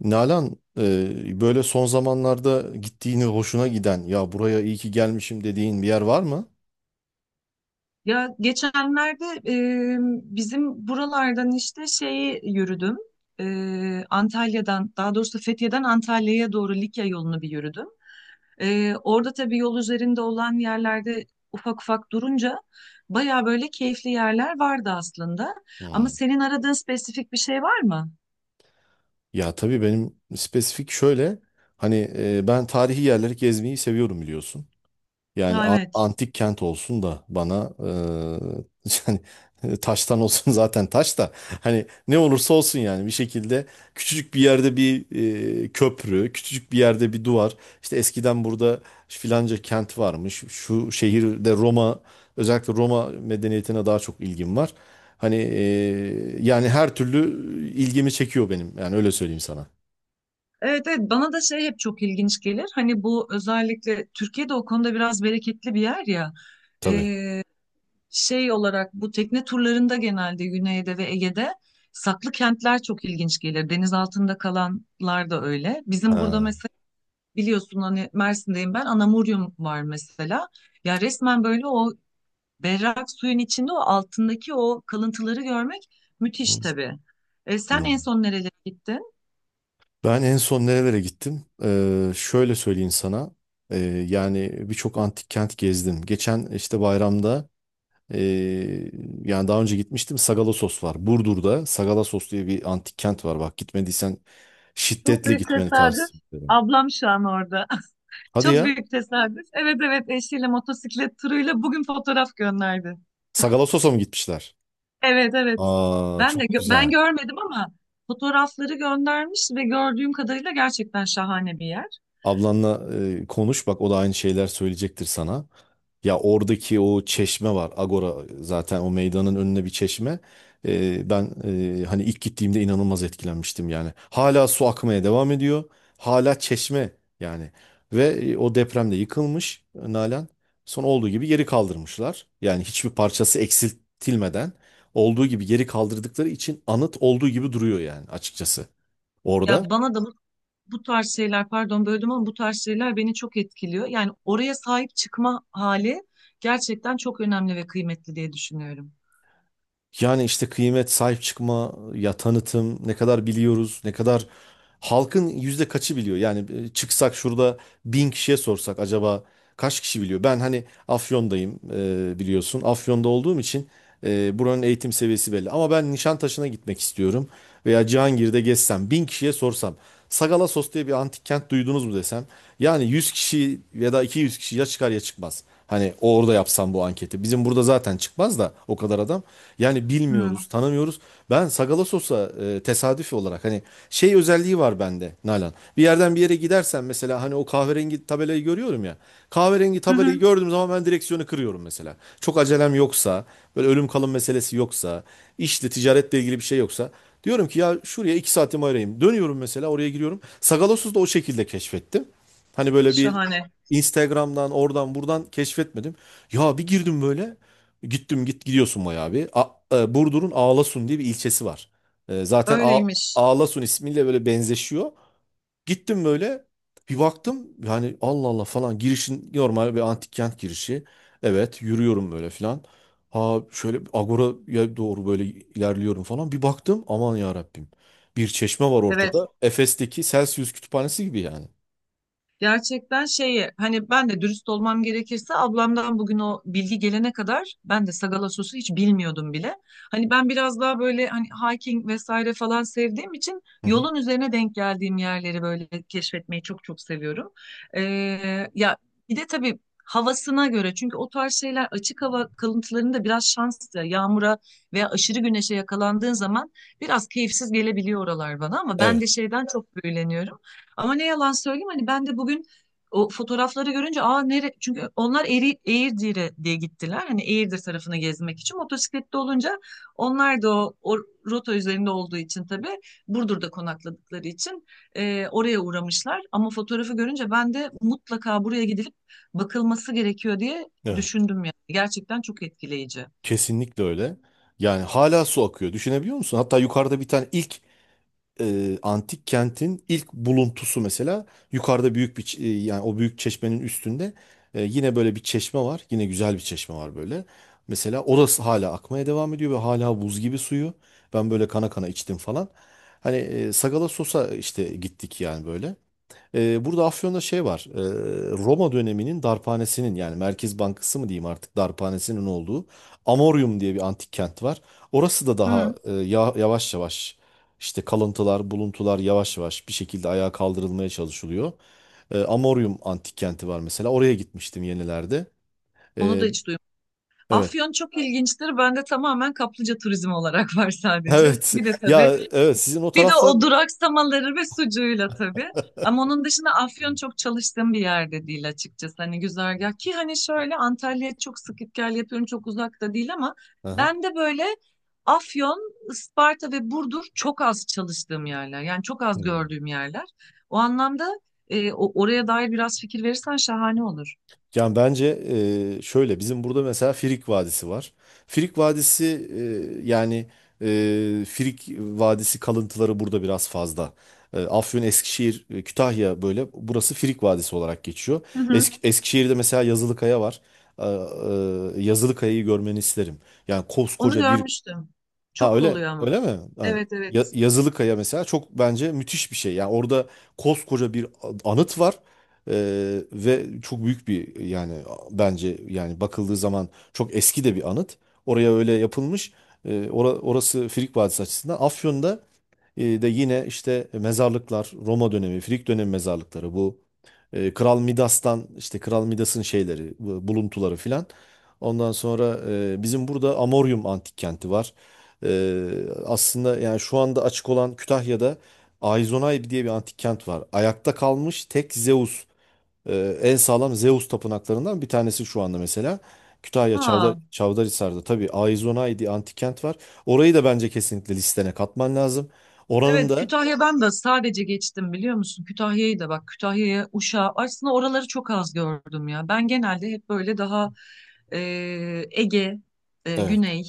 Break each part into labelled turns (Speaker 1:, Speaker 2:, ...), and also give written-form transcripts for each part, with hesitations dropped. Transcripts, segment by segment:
Speaker 1: Nalan, böyle son zamanlarda gittiğini hoşuna giden ya buraya iyi ki gelmişim dediğin bir yer var mı?
Speaker 2: Ya geçenlerde e, bizim buralardan işte şeyi yürüdüm. Antalya'dan daha doğrusu Fethiye'den Antalya'ya doğru Likya yolunu bir yürüdüm. Orada tabii yol üzerinde olan yerlerde ufak ufak durunca baya böyle keyifli yerler vardı aslında. Ama
Speaker 1: Hmm.
Speaker 2: senin aradığın spesifik bir şey var mı?
Speaker 1: Ya tabii benim spesifik şöyle, ben tarihi yerleri gezmeyi seviyorum biliyorsun. Yani
Speaker 2: Ha, evet.
Speaker 1: antik kent olsun da bana, yani taştan olsun, zaten taş da hani ne olursa olsun, yani bir şekilde küçücük bir yerde bir, köprü, küçücük bir yerde bir duvar. İşte eskiden burada filanca kent varmış. Şu şehirde Roma, özellikle Roma medeniyetine daha çok ilgim var. Yani her türlü ilgimi çekiyor benim. Yani öyle söyleyeyim sana.
Speaker 2: Evet, evet, bana da şey hep çok ilginç gelir. Hani bu özellikle Türkiye'de o konuda biraz bereketli bir yer ya.
Speaker 1: Tabii.
Speaker 2: Şey olarak bu tekne turlarında genelde Güney'de ve Ege'de saklı kentler çok ilginç gelir. Deniz altında kalanlar da öyle. Bizim burada
Speaker 1: Ha.
Speaker 2: mesela biliyorsun hani Mersin'deyim ben, Anamuryum var mesela. Ya resmen böyle o berrak suyun içinde o altındaki o kalıntıları görmek müthiş tabii. Sen
Speaker 1: Hı.
Speaker 2: en son nerelere gittin?
Speaker 1: Ben en son nerelere gittim? Şöyle söyleyeyim sana. Ee, Yani birçok antik kent gezdim. Geçen işte bayramda, ee, yani daha önce gitmiştim. Sagalassos var. Burdur'da Sagalassos diye bir antik kent var. Bak gitmediysen
Speaker 2: Çok
Speaker 1: şiddetle
Speaker 2: büyük
Speaker 1: gitmeni
Speaker 2: tesadüf.
Speaker 1: tavsiye ederim.
Speaker 2: Ablam şu an orada.
Speaker 1: Hadi
Speaker 2: Çok
Speaker 1: ya.
Speaker 2: büyük tesadüf. Evet, evet, eşiyle motosiklet turuyla bugün fotoğraf gönderdi.
Speaker 1: Sagalassos'a mı gitmişler?
Speaker 2: Evet, evet.
Speaker 1: Aa, çok
Speaker 2: Ben
Speaker 1: güzel.
Speaker 2: görmedim ama fotoğrafları göndermiş ve gördüğüm kadarıyla gerçekten şahane bir yer.
Speaker 1: Ablanla konuş bak, o da aynı şeyler söyleyecektir sana. Ya oradaki o çeşme var. Agora, zaten o meydanın önüne bir çeşme. Ben, hani ilk gittiğimde inanılmaz etkilenmiştim yani. Hala su akmaya devam ediyor. Hala çeşme yani. Ve o depremde yıkılmış Nalan. Son olduğu gibi geri kaldırmışlar. Yani hiçbir parçası eksiltilmeden olduğu gibi geri kaldırdıkları için anıt olduğu gibi duruyor yani, açıkçası orada.
Speaker 2: Ya bana da bu, Bu tarz şeyler, pardon böldüm, ama bu tarz şeyler beni çok etkiliyor. Yani oraya sahip çıkma hali gerçekten çok önemli ve kıymetli diye düşünüyorum.
Speaker 1: Yani işte kıymet, sahip çıkma, ya tanıtım, ne kadar biliyoruz, ne kadar halkın yüzde kaçı biliyor? Yani çıksak şurada bin kişiye sorsak, acaba kaç kişi biliyor? Ben hani Afyon'dayım, biliyorsun. Afyon'da olduğum için buranın eğitim seviyesi belli. Ama ben Nişantaşı'na gitmek istiyorum veya Cihangir'de gezsem, bin kişiye sorsam. Sagalassos diye bir antik kent duydunuz mu desem. Yani 100 kişi ya da 200 kişi ya çıkar ya çıkmaz. Hani orada yapsam bu anketi. Bizim burada zaten çıkmaz da o kadar adam. Yani
Speaker 2: Hmm.
Speaker 1: bilmiyoruz, tanımıyoruz. Ben Sagalassos'a tesadüfi olarak, hani şey özelliği var bende Nalan. Bir yerden bir yere gidersen mesela, hani o kahverengi tabelayı görüyorum ya. Kahverengi
Speaker 2: Hı hı.
Speaker 1: tabelayı gördüğüm zaman ben direksiyonu kırıyorum mesela. Çok acelem yoksa, böyle ölüm kalım meselesi yoksa, işle ticaretle ilgili bir şey yoksa, diyorum ki ya şuraya 2 saatimi ayırayım. Dönüyorum mesela, oraya giriyorum. Sagalassos'u da o şekilde keşfettim. Hani böyle bir
Speaker 2: Şahane.
Speaker 1: Instagram'dan, oradan buradan keşfetmedim. Ya bir girdim böyle. Gittim, git gidiyorsun bayağı bir. Burdur'un Ağlasun diye bir ilçesi var. Zaten
Speaker 2: Öyleymiş.
Speaker 1: Ağlasun ismiyle böyle benzeşiyor. Gittim böyle, bir baktım yani Allah Allah falan, girişin normal bir antik kent girişi. Evet, yürüyorum böyle filan. Ha, şöyle Agora'ya doğru böyle ilerliyorum falan. Bir baktım, aman ya Rabbim. Bir çeşme var
Speaker 2: Evet.
Speaker 1: ortada. Efes'teki Celsius kütüphanesi gibi yani.
Speaker 2: Gerçekten şeyi, hani ben de dürüst olmam gerekirse ablamdan bugün o bilgi gelene kadar ben de sagala sosu hiç bilmiyordum bile. Hani ben biraz daha böyle hani hiking vesaire falan sevdiğim için
Speaker 1: Hı hı.
Speaker 2: yolun üzerine denk geldiğim yerleri böyle keşfetmeyi çok çok seviyorum. Ee, Ya bir de tabii havasına göre, çünkü o tarz şeyler açık hava kalıntılarında biraz şans, yağmura veya aşırı güneşe yakalandığın zaman biraz keyifsiz gelebiliyor oralar bana, ama ben
Speaker 1: Evet.
Speaker 2: de şeyden çok büyüleniyorum. Ama ne yalan söyleyeyim, hani ben de bugün o fotoğrafları görünce aa nere, çünkü onlar Eğirdir'e diye gittiler. Hani Eğirdir tarafını gezmek için motosiklette olunca onlar da o rota üzerinde olduğu için tabii Burdur'da konakladıkları için oraya uğramışlar. Ama fotoğrafı görünce ben de mutlaka buraya gidilip bakılması gerekiyor diye
Speaker 1: Evet,
Speaker 2: düşündüm yani. Gerçekten çok etkileyici.
Speaker 1: kesinlikle öyle. Yani hala su akıyor. Düşünebiliyor musun? Hatta yukarıda bir tane ilk, antik kentin ilk buluntusu mesela, yukarıda büyük bir yani o büyük çeşmenin üstünde yine böyle bir çeşme var. Yine güzel bir çeşme var böyle. Mesela orası hala akmaya devam ediyor ve hala buz gibi suyu. Ben böyle kana kana içtim falan. Sagala Sos'a işte gittik yani böyle. Burada Afyon'da şey var. Roma döneminin darphanesinin, yani Merkez Bankası mı diyeyim artık, darphanesinin olduğu Amorium diye bir antik kent var. Orası da daha
Speaker 2: Hı,
Speaker 1: yavaş yavaş işte kalıntılar, buluntular yavaş yavaş bir şekilde ayağa kaldırılmaya çalışılıyor. Amorium antik kenti var mesela. Oraya gitmiştim yenilerde.
Speaker 2: onu
Speaker 1: Ee,
Speaker 2: da hiç duymadım.
Speaker 1: evet.
Speaker 2: Afyon çok ilginçtir. Bende tamamen kaplıca turizmi olarak var sadece.
Speaker 1: Evet.
Speaker 2: Bir de
Speaker 1: Ya
Speaker 2: tabii
Speaker 1: evet, sizin o
Speaker 2: bir de
Speaker 1: taraflar.
Speaker 2: o duraksamaları ve sucuğuyla tabii. Ama onun dışında Afyon çok çalıştığım bir yerde değil açıkçası. Hani güzergah ki hani şöyle Antalya'ya çok sık gel yapıyorum, çok uzakta değil, ama
Speaker 1: Aha.
Speaker 2: ben de böyle Afyon, Isparta ve Burdur çok az çalıştığım yerler. Yani çok az gördüğüm yerler. O anlamda oraya dair biraz fikir verirsen şahane olur.
Speaker 1: Yani bence, şöyle bizim burada mesela Frig Vadisi var. Frig Vadisi, e, yani e, Frig Vadisi kalıntıları burada biraz fazla. Afyon, Eskişehir, Kütahya, böyle burası Frig Vadisi olarak geçiyor.
Speaker 2: Hı hı.
Speaker 1: Eskişehir'de mesela Yazılıkaya var. E, Yazılıkaya'yı görmeni isterim. Yani
Speaker 2: Onu
Speaker 1: koskoca bir.
Speaker 2: görmüştüm.
Speaker 1: Ha,
Speaker 2: Çok
Speaker 1: öyle
Speaker 2: oluyor ama.
Speaker 1: öyle mi? Ha,
Speaker 2: Evet, evet.
Speaker 1: Yazılı Kaya mesela çok bence müthiş bir şey. Yani orada koskoca bir anıt var. Ve çok büyük bir, yani bence yani bakıldığı zaman çok eski de bir anıt. Oraya öyle yapılmış. Orası Frig Vadisi açısından. Afyon'da de yine işte mezarlıklar, Roma dönemi, Frig dönemi mezarlıkları bu. Kral Midas'tan, işte Kral Midas'ın şeyleri, buluntuları filan. Ondan sonra bizim burada Amorium antik kenti var. E, aslında yani şu anda açık olan Kütahya'da Ayzonay diye bir antik kent var. Ayakta kalmış tek Zeus, en sağlam Zeus tapınaklarından bir tanesi şu anda mesela. Kütahya Çavdar,
Speaker 2: Ha.
Speaker 1: Çavdarhisar'da tabii Aizonay diye antik kent var. Orayı da bence kesinlikle listene katman lazım. Oranın
Speaker 2: Evet,
Speaker 1: da
Speaker 2: Kütahya'dan da sadece geçtim biliyor musun? Kütahya'yı da bak, Kütahya'ya, Uşak'a aslında oraları çok az gördüm ya. Ben genelde hep böyle daha e, Ege,
Speaker 1: evet,
Speaker 2: Güney,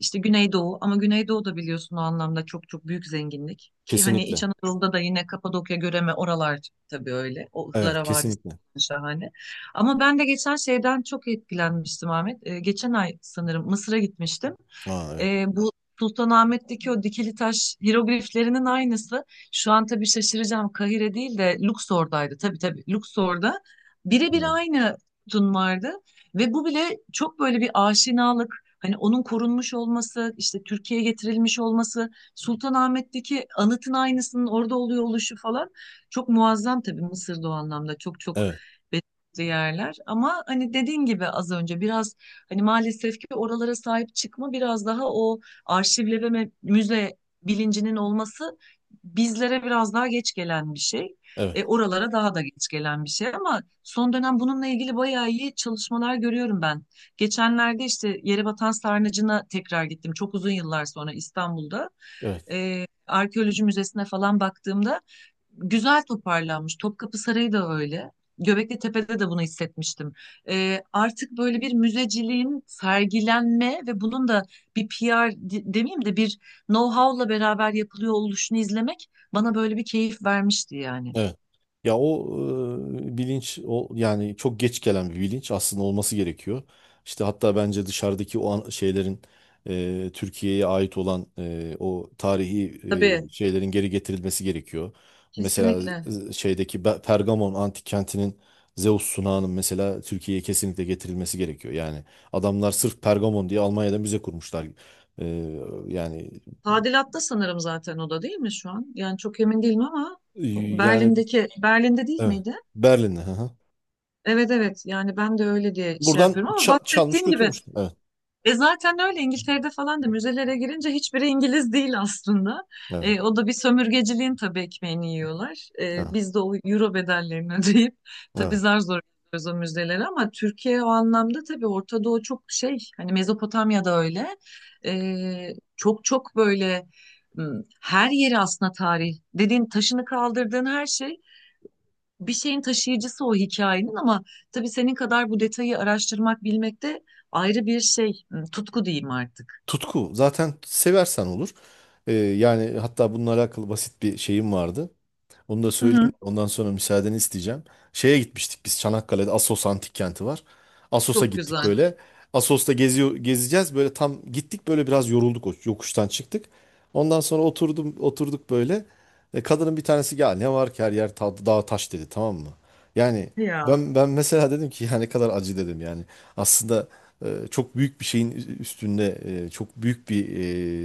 Speaker 2: işte Güneydoğu, ama Güneydoğu da biliyorsun o anlamda çok çok büyük zenginlik. Ki hani İç
Speaker 1: kesinlikle.
Speaker 2: Anadolu'da da yine Kapadokya, Göreme, oralar tabii öyle. O
Speaker 1: Evet,
Speaker 2: Ihlara Vadisi
Speaker 1: kesinlikle.
Speaker 2: şahane. Ama ben de geçen şeyden çok etkilenmiştim Ahmet. Geçen ay sanırım Mısır'a gitmiştim.
Speaker 1: Aa, evet.
Speaker 2: Bu Sultanahmet'teki o dikili taş hirogliflerinin aynısı. Şu an tabii şaşıracağım. Kahire değil de Luxor'daydı. Tabii tabii, Luxor'da. Birebir
Speaker 1: Hı.
Speaker 2: aynı sütun vardı. Ve bu bile çok böyle bir aşinalık. Hani onun korunmuş olması, işte Türkiye'ye getirilmiş olması, Sultanahmet'teki anıtın aynısının orada oluyor oluşu falan, çok muazzam tabii Mısır'da o anlamda çok çok
Speaker 1: Evet.
Speaker 2: belirli yerler. Ama hani dediğin gibi az önce biraz, hani maalesef ki oralara sahip çıkma biraz daha o arşivleme ve müze bilincinin olması bizlere biraz daha geç gelen bir şey.
Speaker 1: Evet.
Speaker 2: Oralara daha da geç gelen bir şey, ama son dönem bununla ilgili bayağı iyi çalışmalar görüyorum ben. Geçenlerde işte Yerebatan Sarnıcı'na tekrar gittim. Çok uzun yıllar sonra İstanbul'da
Speaker 1: Evet.
Speaker 2: arkeoloji müzesine falan baktığımda güzel toparlanmış. Topkapı Sarayı da öyle. Göbekli Tepe'de de bunu hissetmiştim. Artık böyle bir müzeciliğin sergilenme ve bunun da bir demeyeyim de bir know-how'la beraber yapılıyor oluşunu izlemek bana böyle bir keyif vermişti yani.
Speaker 1: Evet. Ya o, bilinç o, yani çok geç gelen bir bilinç, aslında olması gerekiyor. İşte hatta bence dışarıdaki o şeylerin, Türkiye'ye ait olan, o tarihi,
Speaker 2: Tabii,
Speaker 1: şeylerin geri getirilmesi gerekiyor. Mesela
Speaker 2: kesinlikle.
Speaker 1: şeydeki Pergamon antik kentinin Zeus sunağının mesela Türkiye'ye kesinlikle getirilmesi gerekiyor. Yani adamlar sırf Pergamon diye Almanya'da müze kurmuşlar. E, yani
Speaker 2: Tadilatta sanırım zaten o da değil mi şu an? Yani çok emin değilim ama
Speaker 1: yani
Speaker 2: Berlin'deki, Berlin'de değil
Speaker 1: evet,
Speaker 2: miydi?
Speaker 1: Berlin'de. Hı hı.
Speaker 2: Evet, evet, yani ben de öyle diye şey
Speaker 1: Buradan
Speaker 2: yapıyorum ama
Speaker 1: çalmış
Speaker 2: bahsettiğim gibi
Speaker 1: götürmüştüm. Evet,
Speaker 2: e zaten öyle İngiltere'de falan da müzelere girince hiçbiri İngiliz değil aslında. E,
Speaker 1: evet,
Speaker 2: o da bir sömürgeciliğin tabii ekmeğini yiyorlar. E,
Speaker 1: evet,
Speaker 2: biz de o euro bedellerini ödeyip tabii
Speaker 1: evet.
Speaker 2: zar zor gidiyoruz o müzelere, ama Türkiye o anlamda tabii Orta Doğu çok şey, hani Mezopotamya'da öyle. Çok çok böyle m, her yeri aslında tarih dediğin, taşını kaldırdığın her şey bir şeyin taşıyıcısı, o hikayenin, ama tabii senin kadar bu detayı araştırmak bilmek de ayrı bir şey, hmm, tutku diyeyim artık.
Speaker 1: Tutku zaten seversen olur. Yani hatta bununla alakalı basit bir şeyim vardı. Bunu da
Speaker 2: Hı
Speaker 1: söyleyeyim.
Speaker 2: hı.
Speaker 1: Ondan sonra müsaadeni isteyeceğim. Şeye gitmiştik, biz Çanakkale'de Assos Antik Kenti var. Assos'a
Speaker 2: Çok
Speaker 1: gittik
Speaker 2: güzel.
Speaker 1: böyle. Assos'ta geziyor, gezeceğiz. Böyle tam gittik, böyle biraz yorulduk, o yokuştan çıktık. Ondan sonra oturduk böyle. Kadının bir tanesi ya ne var ki, her yer dağ taş dedi, tamam mı? Yani
Speaker 2: Ya.
Speaker 1: ben mesela dedim ki ya ne kadar acı dedim yani. Aslında çok büyük bir şeyin üstünde, çok büyük bir,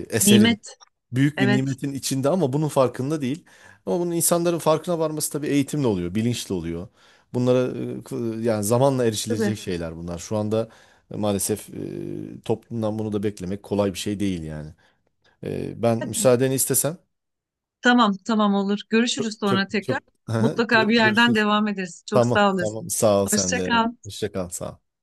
Speaker 1: eserin,
Speaker 2: Nimet.
Speaker 1: büyük bir
Speaker 2: Evet.
Speaker 1: nimetin içinde ama bunun farkında değil. Ama bunun insanların farkına varması tabii eğitimle oluyor, bilinçli oluyor. Bunlara yani zamanla
Speaker 2: Tabii.
Speaker 1: erişilecek şeyler bunlar. Şu anda maalesef toplumdan bunu da beklemek kolay bir şey değil yani. Ben müsaadeni istesem
Speaker 2: Tamam, tamam, olur. Görüşürüz sonra
Speaker 1: çok
Speaker 2: tekrar.
Speaker 1: çok, Hı,
Speaker 2: Mutlaka bir yerden
Speaker 1: görüşürüz.
Speaker 2: devam ederiz. Çok
Speaker 1: Tamam,
Speaker 2: sağ
Speaker 1: tamam.
Speaker 2: olasın.
Speaker 1: Sağ ol sen
Speaker 2: Hoşça
Speaker 1: de.
Speaker 2: kal.
Speaker 1: Hoşça kal. Sağ ol.